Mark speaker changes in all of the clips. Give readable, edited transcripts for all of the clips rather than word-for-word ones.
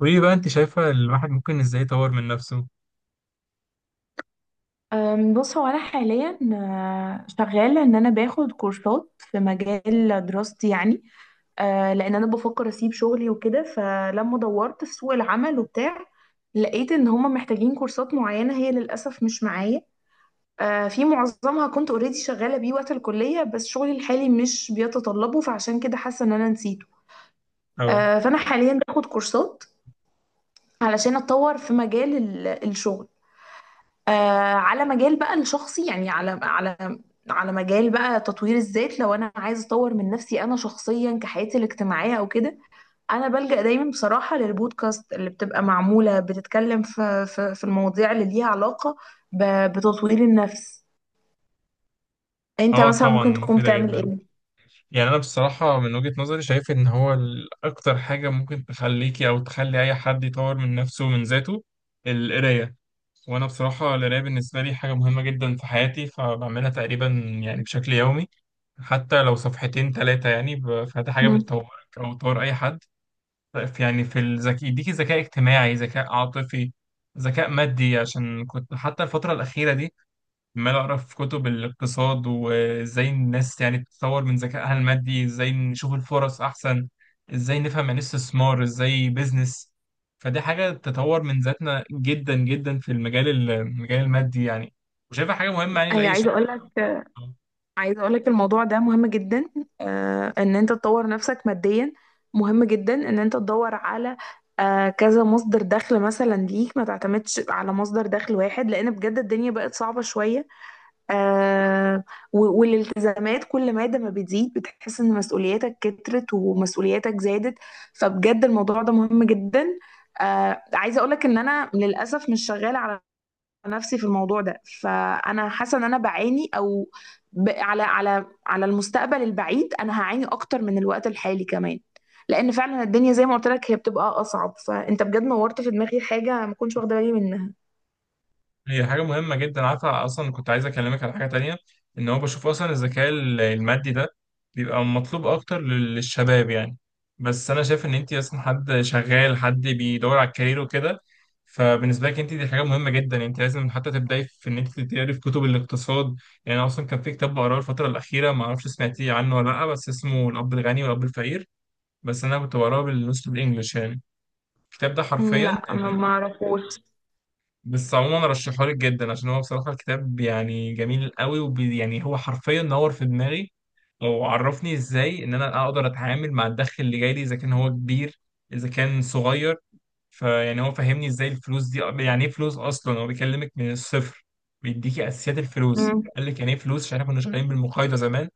Speaker 1: وايه بقى انت شايفة الواحد ممكن ازاي يطور من نفسه؟
Speaker 2: بص هو انا حاليا شغاله ان انا باخد كورسات في مجال دراستي يعني. لان انا بفكر اسيب شغلي وكده، فلما دورت في سوق العمل وبتاع لقيت ان هما محتاجين كورسات معينه هي للاسف مش معايا. في معظمها كنت اوريدي شغاله بيه وقت الكليه، بس شغلي الحالي مش بيتطلبه فعشان كده حاسه ان انا نسيته.
Speaker 1: اه،
Speaker 2: فانا حاليا باخد كورسات علشان اتطور في مجال الشغل. آه. على مجال بقى الشخصي يعني على مجال بقى تطوير الذات. لو انا عايز اطور من نفسي انا شخصيا كحياتي الاجتماعيه او كده، انا بلجأ دايما بصراحه للبودكاست اللي بتبقى معموله، بتتكلم في المواضيع اللي ليها علاقه بتطوير النفس. انت
Speaker 1: اه،
Speaker 2: مثلا
Speaker 1: طبعا
Speaker 2: ممكن تكون
Speaker 1: مفيدة
Speaker 2: بتعمل
Speaker 1: جدا.
Speaker 2: ايه؟
Speaker 1: يعني انا بصراحة من وجهة نظري شايف ان هو اكتر حاجة ممكن تخليكي او تخلي اي حد يطور من نفسه ومن ذاته، القراية. وانا بصراحة القراية بالنسبة لي حاجة مهمة جدا في حياتي، فبعملها تقريبا يعني بشكل يومي، حتى لو صفحتين ثلاثة يعني، فدي حاجة
Speaker 2: مم.
Speaker 1: بتطورك او تطور اي حد. يعني في الذكاء، يديكي ذكاء اجتماعي، ذكاء عاطفي، ذكاء مادي. عشان كنت حتى الفترة الأخيرة دي عمال اقرا في كتب الاقتصاد وازاي الناس يعني تطور من ذكائها المادي، ازاي نشوف الفرص احسن، ازاي نفهم يعني إيه استثمار، ازاي بيزنس. فدي حاجه تطور من ذاتنا جدا جدا في المجال المادي يعني، وشايفها حاجه مهمه يعني
Speaker 2: اي،
Speaker 1: لاي شاب.
Speaker 2: عايزه اقول لك، الموضوع ده مهم جدا. ان انت تطور نفسك ماديا مهم جدا. ان انت تدور على كذا مصدر دخل مثلا ليك، ما تعتمدش على مصدر دخل واحد، لان بجد الدنيا بقت صعبه شويه. آه. والالتزامات كل ماده ما بتزيد بتحس ان مسؤولياتك كترت ومسؤولياتك زادت، فبجد الموضوع ده مهم جدا. عايزه اقول لك ان انا للاسف مش شغاله على نفسي في الموضوع ده، فانا حاسه ان انا بعاني، او على على المستقبل البعيد انا هعاني اكتر من الوقت الحالي كمان، لان فعلا الدنيا زي ما قلت لك هي بتبقى اصعب. فانت بجد نورت في دماغي حاجه ما كنتش واخده بالي منها.
Speaker 1: هي حاجة مهمة جدا. عارفة أصلا كنت عايز أكلمك على حاجة تانية، إن هو بشوف أصلا الذكاء المادي ده بيبقى مطلوب أكتر للشباب يعني. بس أنا شايف إن أنت أصلا حد شغال، حد بيدور على الكارير وكده، فبالنسبة لك أنت دي حاجة مهمة جدا. أنت لازم حتى تبدأي في إن أنت تقري في كتب الاقتصاد. يعني أنا أصلا كان في كتاب بقراه الفترة الأخيرة، معرفش سمعتيه عنه ولا لأ، بس اسمه الأب الغني والأب الفقير. بس أنا كنت بقراه بالنص بالإنجلش يعني. الكتاب ده
Speaker 2: مم،
Speaker 1: حرفيا
Speaker 2: لا، ما
Speaker 1: يعني،
Speaker 2: ما اعرفوش.
Speaker 1: بس عموما رشحه لك جدا، عشان هو بصراحة الكتاب يعني جميل قوي، وبي يعني هو حرفيا نور في دماغي. وعرفني ازاي ان انا اقدر اتعامل مع الدخل اللي جاي لي، اذا كان هو كبير، اذا كان صغير. فيعني هو فهمني ازاي الفلوس دي، يعني ايه فلوس اصلا. هو بيكلمك من الصفر، بيديكي اساسيات الفلوس،
Speaker 2: مم،
Speaker 1: قال لك يعني ايه فلوس، عشان احنا كنا شغالين بالمقايضه زمان.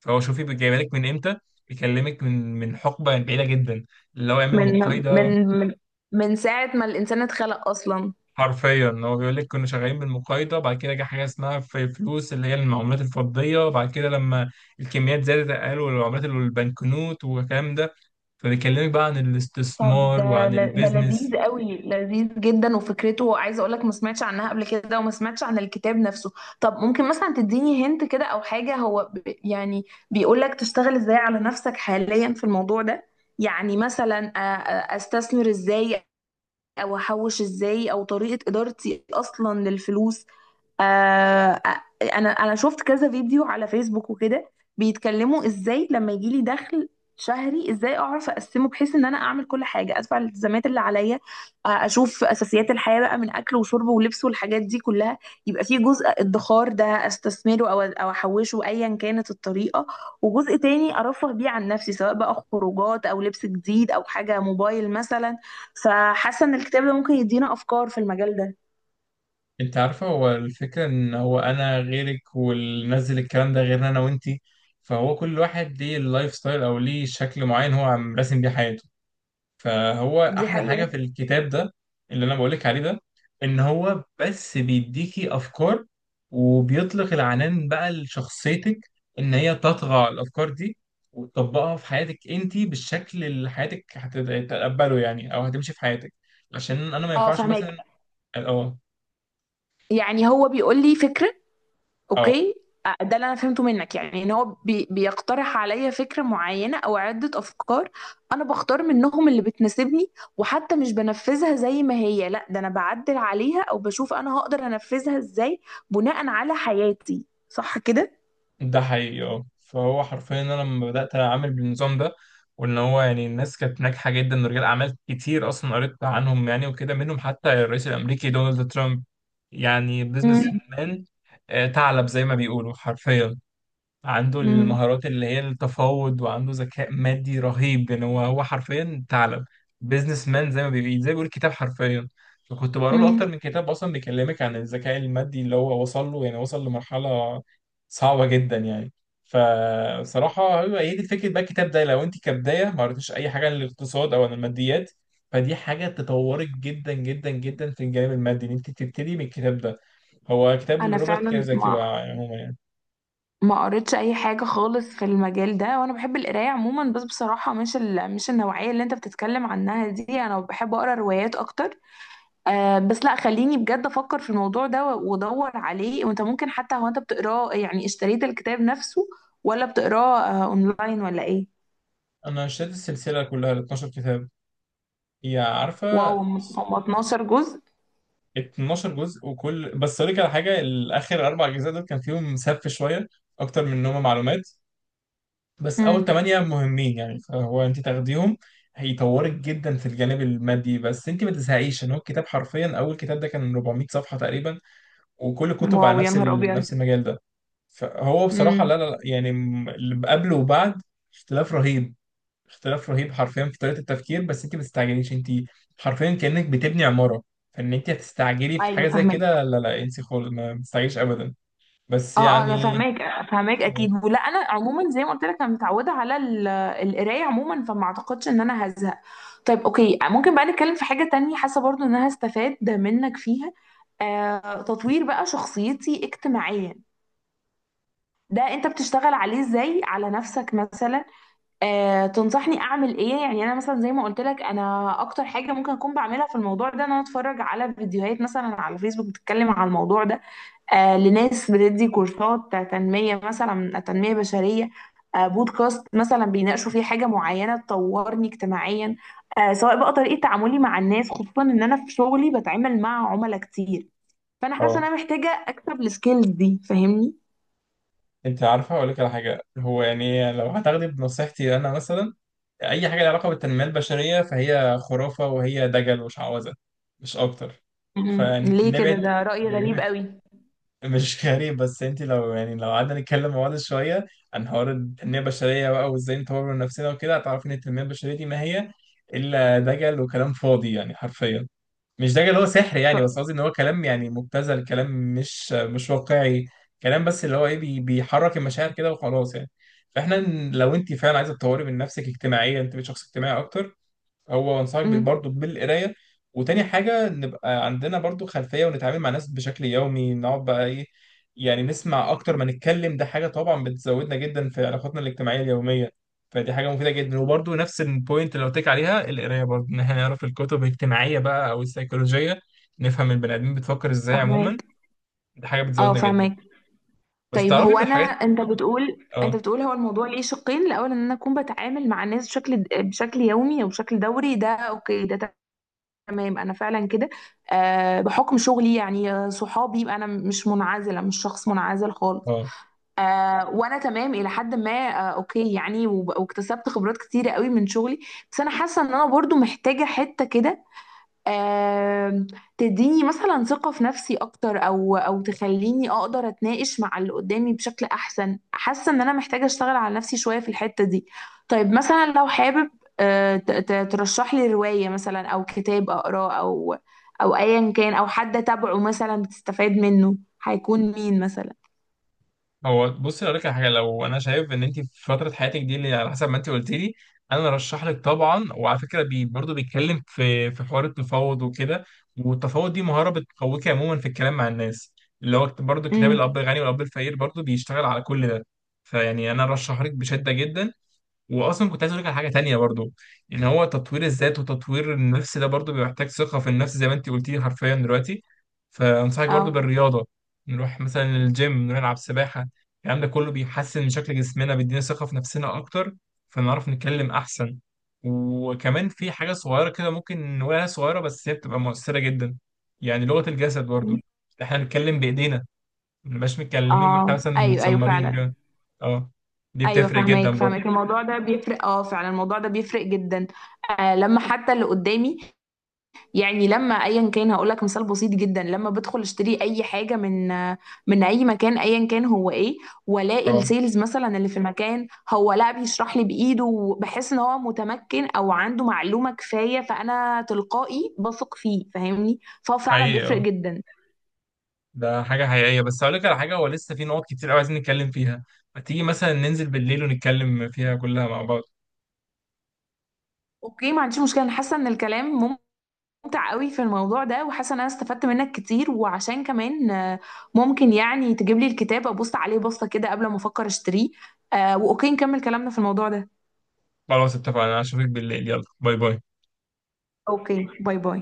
Speaker 1: فهو شوفي جايبها لك من امتى، بيكلمك من حقبه بعيده جدا، اللي هو يعمل
Speaker 2: من
Speaker 1: مقايضه.
Speaker 2: من من من ساعه ما الانسان اتخلق اصلا.
Speaker 1: حرفيا هو بيقول لك كنا شغالين بالمقايضه، بعد كده جه حاجه اسمها في فلوس، اللي هي المعاملات الفضيه، بعد كده لما الكميات زادت قالوا العملات اللي البنكنوت والكلام ده. فبيكلمك بقى عن
Speaker 2: طب
Speaker 1: الاستثمار
Speaker 2: ده
Speaker 1: وعن
Speaker 2: ده
Speaker 1: البيزنس.
Speaker 2: لذيذ قوي، لذيذ جدا، وفكرته عايزه اقول لك ما سمعتش عنها قبل كده وما سمعتش عن الكتاب نفسه. طب ممكن مثلا تديني هنت كده او حاجه، هو يعني بيقول لك تشتغل ازاي على نفسك حاليا في الموضوع ده؟ يعني مثلا استثمر ازاي، او احوش ازاي، او طريقه ادارتي اصلا للفلوس؟ آه. انا شفت كذا فيديو على فيسبوك وكده بيتكلموا ازاي لما يجيلي دخل شهري ازاي اعرف اقسمه بحيث ان انا اعمل كل حاجه، ادفع الالتزامات اللي عليا، اشوف اساسيات الحياه بقى من اكل وشرب ولبس والحاجات دي كلها. يبقى في جزء ادخار ده استثمره او احوشه ايا كانت الطريقه، وجزء تاني ارفه بيه عن نفسي سواء بقى خروجات او لبس جديد او حاجه موبايل مثلا. فحاسه ان الكتاب ده ممكن يدينا افكار في المجال ده.
Speaker 1: انت عارفه هو الفكره ان هو انا غيرك، واللي نزل الكلام ده غيرنا انا وانتي، فهو كل واحد ليه اللايف ستايل او ليه شكل معين هو عم راسم بيه حياته. فهو
Speaker 2: دي
Speaker 1: احلى حاجه
Speaker 2: حقيقه.
Speaker 1: في الكتاب ده، اللي انا بقولك عليه ده، ان هو بس بيديكي افكار، وبيطلق العنان بقى لشخصيتك ان هي تطغى على الافكار دي وتطبقها في حياتك انت بالشكل اللي حياتك هتتقبله يعني، او هتمشي في حياتك. عشان انا ما
Speaker 2: اه،
Speaker 1: ينفعش
Speaker 2: فهماك.
Speaker 1: مثلا. اه،
Speaker 2: يعني هو بيقول لي فكرة.
Speaker 1: اه،
Speaker 2: اوكي. ده اللي انا فهمته منك، يعني ان هو بيقترح عليا فكرة معينة او عدة افكار، انا بختار منهم اللي بتناسبني، وحتى مش بنفذها زي ما هي، لا ده انا بعدل عليها او بشوف انا هقدر انفذها ازاي بناء على حياتي، صح كده؟
Speaker 1: ده حقيقي. اه، فهو حرفيا انا لما بدات اعمل بالنظام ده، وان هو يعني الناس كانت ناجحه جدا، رجال اعمال كتير اصلا قريت عنهم يعني وكده، منهم حتى الرئيس الامريكي دونالد ترامب، يعني
Speaker 2: مم.
Speaker 1: بزنس مان، ثعلب زي ما بيقولوا حرفيا، عنده
Speaker 2: مم.
Speaker 1: المهارات اللي هي التفاوض، وعنده ذكاء مادي رهيب. يعني هو حرفيا ثعلب، بيزنس مان زي ما بيقول كتاب حرفيا. فكنت بقرا له
Speaker 2: مم.
Speaker 1: اكتر من كتاب، اصلا بيكلمك عن الذكاء المادي اللي هو وصل له، يعني وصل لمرحله صعبه جدا يعني. فصراحه هو هي دي فكره بقى الكتاب ده، لو انت كبدايه ما قريتيش اي حاجه عن الاقتصاد او عن الماديات، فدي حاجه تطورك جدا جدا جدا في الجانب المادي، ان انت تبتدي من الكتاب ده. هو كتاب
Speaker 2: انا
Speaker 1: لروبرت
Speaker 2: فعلا
Speaker 1: كيوساكي بقى عموما يعني.
Speaker 2: ما قريتش اي حاجة خالص في المجال ده، وانا بحب القراية عموما، بس بصراحة مش مش النوعية اللي انت بتتكلم عنها دي، انا بحب اقرا روايات اكتر. بس لا، خليني بجد افكر في الموضوع ده وادور عليه. وانت ممكن، حتى هو انت بتقراه يعني، اشتريت الكتاب نفسه ولا بتقراه اونلاين، ولا ايه؟
Speaker 1: انا اشتريت السلسله كلها ال 12 كتاب. هي
Speaker 2: واو،
Speaker 1: عارفه،
Speaker 2: هم 12 جزء؟
Speaker 1: 12 جزء. وكل، بس اقول لك على حاجه، الاخر اربع اجزاء دول كان فيهم سف شويه اكتر من انهم معلومات. بس اول
Speaker 2: امم.
Speaker 1: ثمانيه مهمين يعني، فهو انت تاخديهم هيطورك جدا في الجانب المادي. بس انت ما تزهقيش، ان هو الكتاب حرفيا، اول كتاب ده كان 400 صفحه تقريبا، وكل كتب
Speaker 2: واو،
Speaker 1: على
Speaker 2: يا
Speaker 1: نفس
Speaker 2: نهار ابيض.
Speaker 1: نفس المجال ده. فهو بصراحه
Speaker 2: امم.
Speaker 1: لا، لا، لا، يعني اللي قبله وبعد اختلاف رهيب. اختلاف رهيب حرفيا في طريقة التفكير. بس انت ما بتستعجليش، انت حرفيا كأنك بتبني عمارة، فان انت هتستعجلي في
Speaker 2: ايوه
Speaker 1: حاجة زي
Speaker 2: فاهمك.
Speaker 1: كده، لا لا، انسي خالص، ما بتستعجليش ابدا. بس
Speaker 2: اه، اه انا
Speaker 1: يعني
Speaker 2: فاهماك، فاهماك اكيد. ولا انا عموما زي ما قلت لك، انا متعوده على القرايه عموما، فما اعتقدش ان انا هزهق. طيب، اوكي. ممكن بقى نتكلم في حاجه تانية؟ حاسه برضو ان انا هستفاد منك فيها. تطوير بقى شخصيتي اجتماعيا ده انت بتشتغل عليه ازاي على نفسك مثلا؟ آه، تنصحني اعمل ايه؟ يعني انا مثلا زي ما قلت لك، انا اكتر حاجه ممكن اكون بعملها في الموضوع ده ان انا اتفرج على فيديوهات مثلا على فيسبوك بتتكلم على الموضوع ده، لناس بتدي كورسات تنميه مثلا، تنميه بشريه. بودكاست مثلا بيناقشوا فيه حاجه معينه تطورني اجتماعيا، سواء بقى طريقه تعاملي مع الناس، خصوصا ان انا في شغلي بتعامل مع عملاء كتير. فانا حاسه ان
Speaker 1: اه.
Speaker 2: انا محتاجه اكسب السكيلز دي، فاهمني؟
Speaker 1: انت عارفة اقول لك على حاجة، هو يعني لو هتاخدي بنصيحتي انا مثلا، اي حاجة لها علاقة بالتنمية البشرية فهي خرافة، وهي دجل وشعوذة، مش اكتر،
Speaker 2: مم. ليه كده؟
Speaker 1: فنبعد.
Speaker 2: ده رأي غريب قوي.
Speaker 1: مش غريب، بس انت لو، يعني لو قعدنا نتكلم مع بعض شويه عن حوار التنميه البشريه بقى وازاي نطور من نفسنا وكده، هتعرفي ان التنميه البشريه دي ما هي الا دجل وكلام فاضي يعني حرفيا. مش دجل، هو سحر يعني، بس
Speaker 2: طيب.
Speaker 1: قصدي ان هو كلام يعني مبتذل، كلام مش واقعي، كلام بس اللي هو ايه، بيحرك المشاعر كده وخلاص يعني. فاحنا، لو انت فعلا عايزه تطوري من نفسك اجتماعيا، انت بقيت شخص اجتماعي اكتر، هو انصحك
Speaker 2: مم.
Speaker 1: برضو بالقرايه. وتاني حاجه، نبقى عندنا برضو خلفيه، ونتعامل مع ناس بشكل يومي، نقعد بقى ايه يعني، نسمع اكتر ما نتكلم، ده حاجه طبعا بتزودنا جدا في علاقاتنا الاجتماعيه اليوميه. فدي حاجه مفيده جدا. وبرضو نفس البوينت اللي قلت لك عليها، القرايه، برضو ان احنا نعرف الكتب الاجتماعيه بقى او السيكولوجيه، نفهم البني ادمين بتفكر ازاي عموما،
Speaker 2: فهماك.
Speaker 1: دي حاجه
Speaker 2: اه
Speaker 1: بتزودنا جدا.
Speaker 2: فهماك.
Speaker 1: بس
Speaker 2: طيب
Speaker 1: تعرفي
Speaker 2: هو،
Speaker 1: من
Speaker 2: انا،
Speaker 1: الحاجات.
Speaker 2: انت
Speaker 1: اه،
Speaker 2: بتقول هو الموضوع ليه شقين. الاول ان انا اكون بتعامل مع الناس بشكل يومي او بشكل دوري، ده اوكي. ده تمام انا فعلا كده. بحكم شغلي يعني. صحابي. يبقى انا مش منعزله، مش شخص منعزل خالص.
Speaker 1: اه،
Speaker 2: وانا تمام الى حد ما. اوكي يعني. واكتسبت خبرات كتيره قوي من شغلي. بس انا حاسه ان انا برضو محتاجه حته كده. آم، تديني مثلا ثقة في نفسي أكتر، أو تخليني أقدر أتناقش مع اللي قدامي بشكل أحسن. حاسة إن أنا محتاجة أشتغل على نفسي شوية في الحتة دي. طيب، مثلا لو حابب ترشح لي رواية مثلا، أو كتاب أقراه، أو أيا كان، أو حد أتابعه مثلا بتستفاد منه، هيكون مين مثلا؟
Speaker 1: هو بصي اقول لك على حاجه، لو انا شايف ان انت في فتره حياتك دي، اللي على حسب ما انت قلت لي، انا رشح لك طبعا. وعلى فكره، بي برضه بيتكلم في حوار التفاوض وكده، والتفاوض دي مهاره بتقويك عموما في الكلام مع الناس. اللي هو برضه كتاب
Speaker 2: امم.
Speaker 1: الاب الغني والاب الفقير برضه بيشتغل على كل ده، فيعني انا رشح لك بشده جدا. واصلا كنت عايز اقول لك على حاجه تانية برضو، ان هو تطوير الذات وتطوير النفس ده برضو بيحتاج ثقه في النفس، زي ما انت قلتي حرفيا دلوقتي. فانصحك برضو
Speaker 2: أه.
Speaker 1: بالرياضه، نروح مثلا الجيم، نروح نلعب سباحه. الكلام ده كله بيحسن من شكل جسمنا، بيدينا ثقه في نفسنا اكتر، فنعرف نتكلم احسن. وكمان في حاجه صغيره كده ممكن نقولها صغيره، بس هي بتبقى مؤثره جدا، يعني لغه الجسد برضو. احنا بنتكلم بايدينا، ما بنبقاش متكلمين، ما احنا
Speaker 2: اه.
Speaker 1: مثلا
Speaker 2: ايوه، ايوه
Speaker 1: متسمرين
Speaker 2: فعلا.
Speaker 1: وكده. اه، دي
Speaker 2: ايوه
Speaker 1: بتفرق جدا
Speaker 2: فاهمك،
Speaker 1: برضو.
Speaker 2: فاهمك. الموضوع ده بيفرق، اه فعلا الموضوع ده بيفرق جدا. لما حتى اللي قدامي، يعني لما ايا كان، هقول لك مثال بسيط جدا. لما بدخل اشتري اي حاجه من اي مكان، ايا كان هو ايه، والاقي
Speaker 1: اه،
Speaker 2: السيلز مثلا اللي في المكان هو لا بيشرح لي بايده، وبحس ان هو متمكن او عنده معلومه كفايه، فانا تلقائي بثق فيه، فاهمني؟ فهو فعلا
Speaker 1: حقيقي،
Speaker 2: بيفرق
Speaker 1: اه،
Speaker 2: جدا.
Speaker 1: ده حاجة حقيقية. بس هقول لك على حاجة، هو لسه في نقط كتير قوي عايزين نتكلم فيها، ما تيجي مثلا ننزل بالليل ونتكلم فيها كلها مع بعض.
Speaker 2: اوكي، ما عنديش مشكله. انا حاسه ان الكلام ممتع قوي في الموضوع ده، وحاسه ان انا استفدت منك كتير. وعشان كمان ممكن يعني تجيب لي الكتاب ابص عليه بصه كده قبل ما افكر اشتريه، واوكي نكمل كلامنا في الموضوع ده.
Speaker 1: خلاص اتفقنا، انا اشوفك بالليل، يلا باي باي.
Speaker 2: اوكي، باي باي.